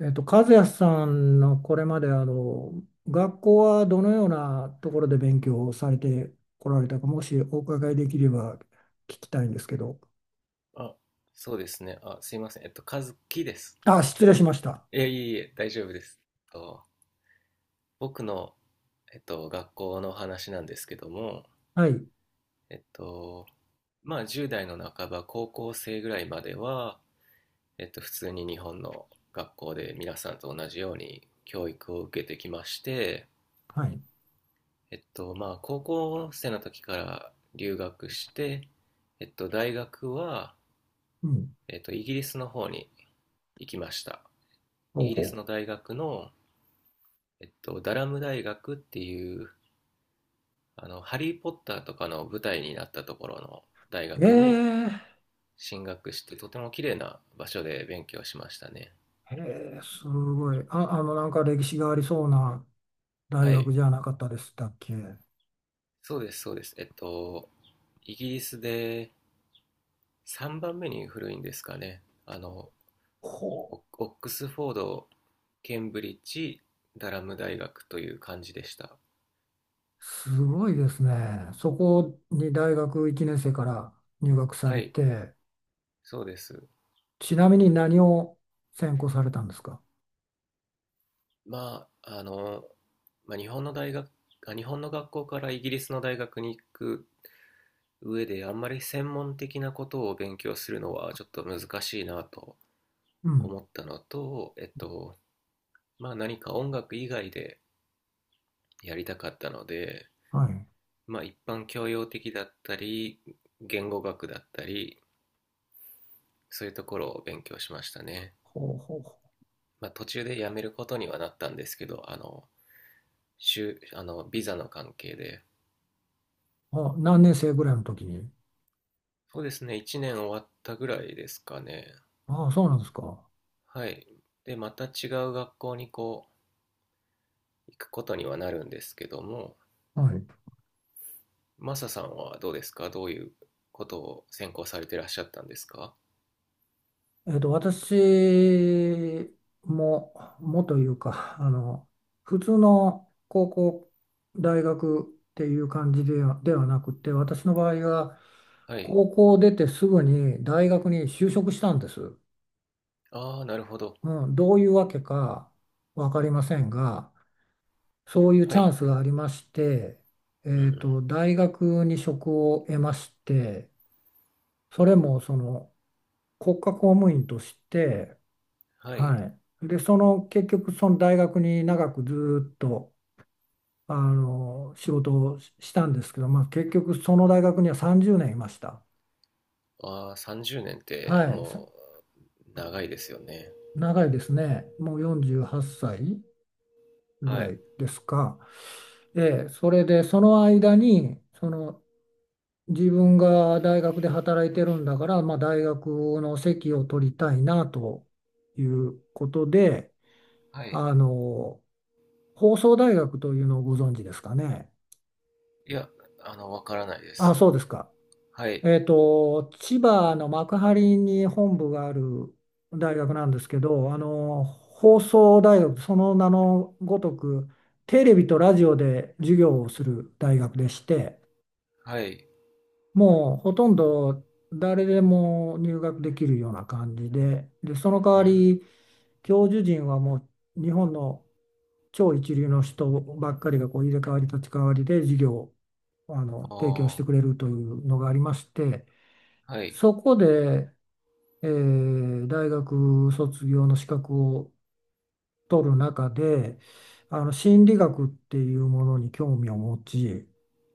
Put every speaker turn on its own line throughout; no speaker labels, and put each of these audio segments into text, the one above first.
和也さんのこれまで学校はどのようなところで勉強をされてこられたか、もしお伺いできれば聞きたいんですけど。
あ、そうですね。あ、すいません。和樹です。
あ、失礼しました。
いやいえいえ、大丈夫です。と、僕の、学校の話なんですけども、
はい、
えっと、まあ、10代の半ば、高校生ぐらいまでは、普通に日本の学校で皆さんと同じように教育を受けてきまして、
はい。
まあ、高校生の時から留学して、大学は、
うん、
イギリスの方に行きました。イ
ほう
ギリスの
ほ
大学の、ダラム大学っていう、あの、ハリー・ポッターとかの舞台になったところの大
う。え
学に
ー、
進学して、とても綺麗な場所で勉強しましたね。
えー、すごい。あ、なんか歴史がありそうな大
は
学
い。
じゃなかったでしたっけ。
そうです、そうです。イギリスで3番目に古いんですかね。あの、
ほ
オオックスフォード、ケンブリッジ、ダラム大学という感じでした。
う、すごいですね。そこに大学1年生から入学さ
は
れ
い、
て、
そうです。
ちなみに何を専攻されたんですか？
まあ、あの、まあ、日本の学校からイギリスの大学に行く上であんまり専門的なことを勉強するのはちょっと難しいなと
うん。
思ったのと、まあ何か音楽以外でやりたかったので、
はい。
まあ一般教養的だったり、言語学だったり、そういうところを勉強しましたね。
ほうほう
まあ途中でやめることにはなったんですけど、あの、週あのビザの関係で。
ほう。あ、何年生ぐらいの時に。
そうですね、1年終わったぐらいですかね。
ああ、そうなんですか。
はい。で、また違う学校にこう、行くことにはなるんですけども、
はい。
マサさんはどうですか？どういうことを専攻されてらっしゃったんですか？
私も、もというか、普通の高校、大学っていう感じでは、ではなくて、私の場合は、
はい。
高校を出てすぐに大学に就職したんです。
ああ、なるほど。
うん、どういうわけか分かりませんが、そういう
は
チャン
い。
スがありまして、
うん。
大学に職を得まして、それもその国家公務員として、
はい。
はい。で、その結局その大学に長くずーっと仕事をししたんですけど、まあ、結局その大学には30年いました。
ああ、30年って
はい。さ
もう長いですよね。
長いですね。もう48歳ぐ
は
ら
い。
いですか。ええ、それでその間にその自分が大学で働いてるんだから、まあ、大学の席を取りたいなということで、
はい。
あの、放送大学というのをご存知ですかね。
いや、あの、わからないで
あ、
す。
そうですか。
はい。
千葉の幕張に本部がある大学なんですけど、放送大学、その名のごとく、テレビとラジオで授業をする大学でして、
はい。
もうほとんど誰でも入学できるような感じで、で、その代
う
わ
ん。
り教授陣はもう日本の超一流の人ばっかりがこう入れ替わり立ち替わりで授業を提供し
あ
てくれるというのがありまして、
あ、はい。
そこで、えー大学卒業の資格を取る中で、あの心理学っていうものに興味を持ち、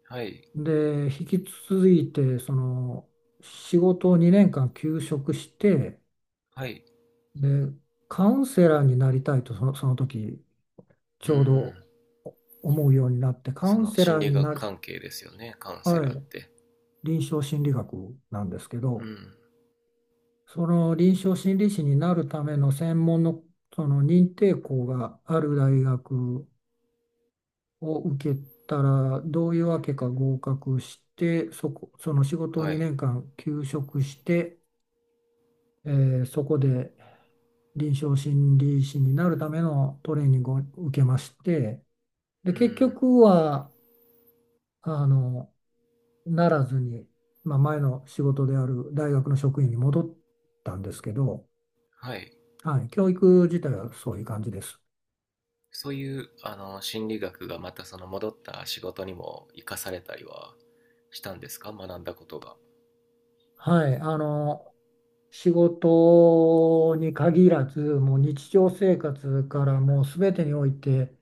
はい。
で、引き続いて、その、仕事を2年間休職して、
はい。
で、カウンセラーになりたいと、その、その時、
う
ちょうど
ん。
お思うようになって、カ
そ
ウン
の
セ
心
ラー
理
に
学
なる、
関係ですよね。カウンセ
は
ラーっ
い、
て。
臨床心理学なんですけど、
うん。
その臨床心理士になるための専門の、その認定校がある大学を受けたら、どういうわけか合格して、そこ、その仕事を
は
2
い。
年間休職して、えーそこで臨床心理士になるためのトレーニングを受けまして、で、
う
結
ん。
局は、あの、ならずに、まあ、前の仕事である大学の職員に戻ったんですけど、
はい。
はい、教育自体はそういう感じです。
そういうあの心理学がまたその戻った仕事にも生かされたりはしたんですか？学んだことが。
はい、仕事に限らず、もう日常生活からもう全てにおいて、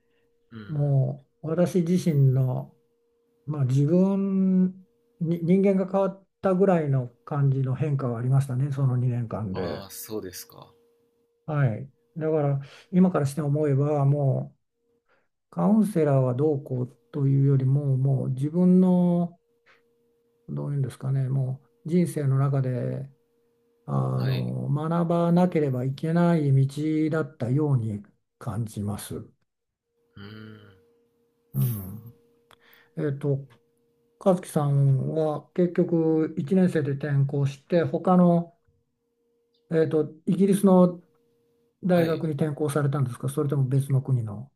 うん。
もう私自身のまあ、自分に人間が変わったぐらいの感じの変化はありましたね、その2年間で。
ああ、そうですか。
はい。だから、今からして思えば、もうカウンセラーはどうこうというよりも、もう自分の、どういうんですかね、もう人生の中で、あ
はい。
学ばなければいけない道だったように感じます。
うーん。
うん。えっと、和樹さんは結局1年生で転校して、他のイギリスの大
は
学に
い。
転校されたんですか、それとも別の国の。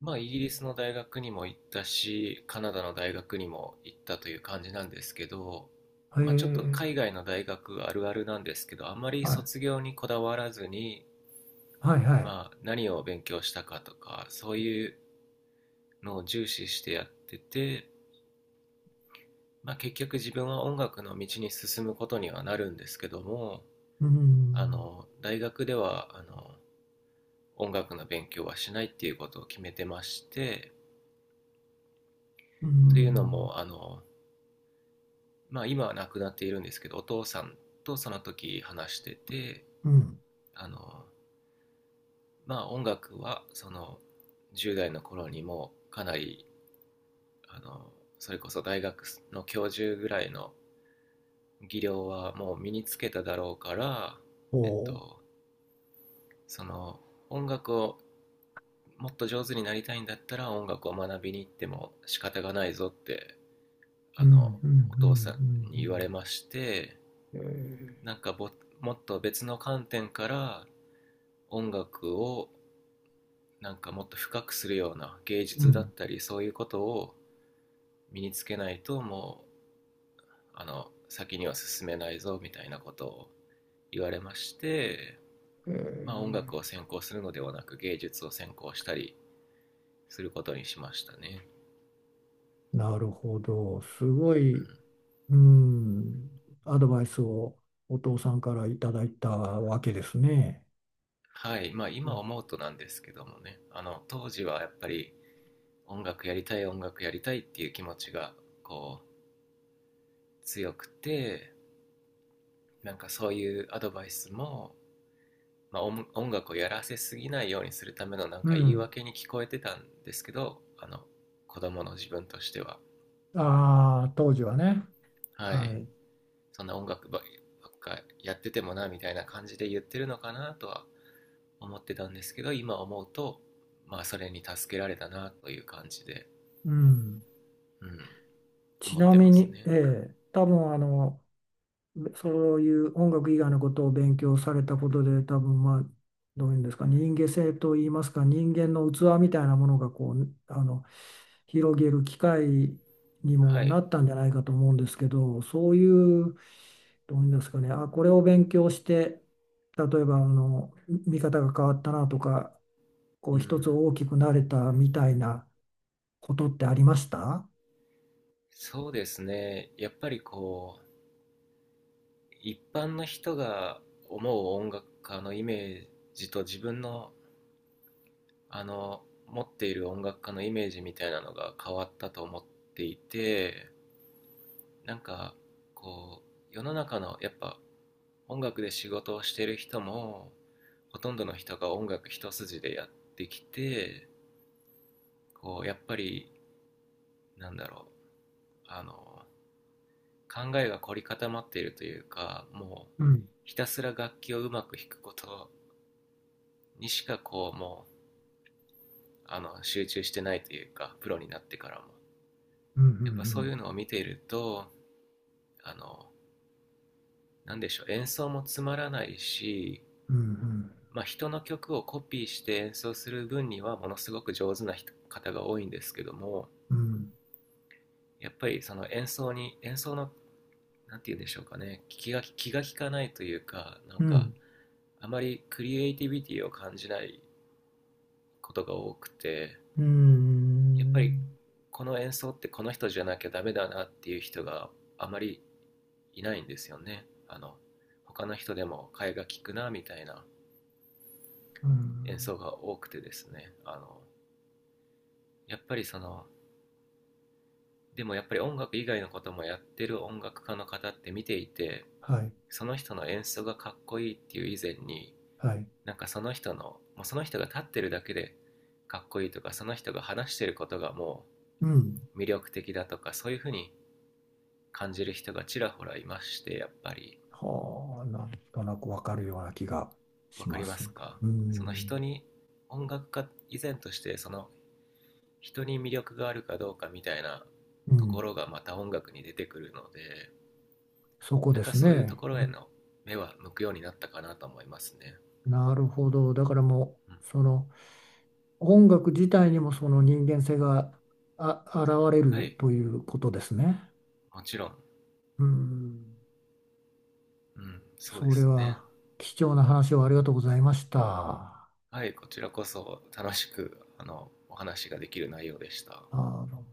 まあ、イギリスの大学にも行ったし、カナダの大学にも行ったという感じなんですけど、
へ
まあ、ちょっと
え、
海外の大学あるあるなんですけど、あまり
はい、
卒業にこだわらずに、
はい、はい。
まあ、何を勉強したかとか、そういうのを重視してやってて、まあ、結局自分は音楽の道に進むことにはなるんですけども、
う
あ
ん、
の大学ではあの音楽の勉強はしないっていうことを決めてまして、
う
というの
ん、
もあの、まあ、今は亡くなっているんですけどお父さんとその時話してて、
うん、
あの、まあ、音楽はその10代の頃にもかなりあのそれこそ大学の教授ぐらいの技量はもう身につけただろうから、
お
えっ
ー、
と、その音楽をもっと上手になりたいんだったら音楽を学びに行っても仕方がないぞって、あ
うん、
の
うん、
お
う
父さんに言わ
ん、
れまして、
うんうんえ
なんかもっと別の観点から音楽をなんかもっと深くするような芸
ーう
術だっ
ん。
たりそういうことを身につけないともうあの先には進めないぞみたいなことを言われまして、
え
まあ、音楽を
ー、
専攻するのではなく芸術を専攻したりすることにしましたね。
なるほど。すご
う
い、
ん。
うん、アドバイスをお父さんからいただいたわけですね。
はい、まあ
う
今
ん
思うとなんですけどもね、あの当時はやっぱり音楽やりたい音楽やりたいっていう気持ちがこう強くて、なんかそういうアドバイスも、まあ、音楽をやらせすぎないようにするためのなん
う
か言い
ん。
訳に聞こえてたんですけど、あの子供の自分としては、
ああ、当時はね。
は
は
い、
い。
そんな音楽ばっかやっててもなみたいな感じで言ってるのかなとは思ってたんですけど、今思うと、まあそれに助けられたなという感じで、
うん。
うん。
ち
思っ
な
て
み
ます
に、
ね。
ええ、多分そういう音楽以外のことを勉強されたことで、多分まあ、どういうんですか、人間性といいますか、人間の器みたいなものがこう、広げる機会に
は
もな
い。
ったんじゃないかと思うんですけど、そういう、どういうんですかね、あ、これを勉強して、例えば見方が変わったなとか、こ
う
う、一
ん。
つ大きくなれたみたいなことってありました？
そうですね。やっぱりこう、一般の人が思う音楽家のイメージと自分の、あの、持っている音楽家のイメージみたいなのが変わったと思っていて、なんか、こう、世の中の、やっぱ、音楽で仕事をしている人も、ほとんどの人が音楽一筋でやってきて、こう、やっぱり、なんだろう、あの、考えが凝り固まっているというかもう
うん、
ひたすら楽器をうまく弾くことにしかこうもうあの集中してないというかプロになってからも、
うん、う
やっぱそうい
ん、
うのを見ているとあの、なんでしょう、演奏もつまらないし、
うん、うん、うん
まあ、人の曲をコピーして演奏する分にはものすごく上手な人方が多いんですけども、
うん、
やっぱりその演奏に演奏の何て言うんでしょうかね、気が利かないというかなん
う
か
ん、
あまりクリエイティビティを感じないことが多くて、
うー
やっぱり
ん、
この演奏ってこの人じゃなきゃダメだなっていう人があまりいないんですよね、あの他の人でも替えが利くなみたいな
う
演
ん、
奏が多くてですね、あのやっぱりそのでもやっぱり音楽以外のこともやってる音楽家の方って見ていて、
はい、
その人の演奏がかっこいいっていう以前に
はい、
なんかその人のもうその人が立ってるだけでかっこいいとかその人が話してることがも
うん。
う魅力的だとかそういうふうに感じる人がちらほらいましてやっぱり、
はあ、なんとなくわかるような気が
分
し
か
ま
りま
す。
すか？
う
その人
ん、
に音楽家以前としてその人に魅力があるかどうかみたいな
う
とこ
ん、
ろがまた音楽に出てくるので、
そこ
なん
で
か
す
そういうと
ね。
こ
う
ろへ
ん、
の目は向くようになったかなと思いますね、
なるほど。だからも
うん、
う、その音楽自体にもその人間性があ、現れ
は
る
い
ということですね。
もちろん、
うん、
うん、そうで
それ
すね。
は貴重な話をありがとうございました。あ
はいこちらこそ楽しくあのお話ができる内容でした。
の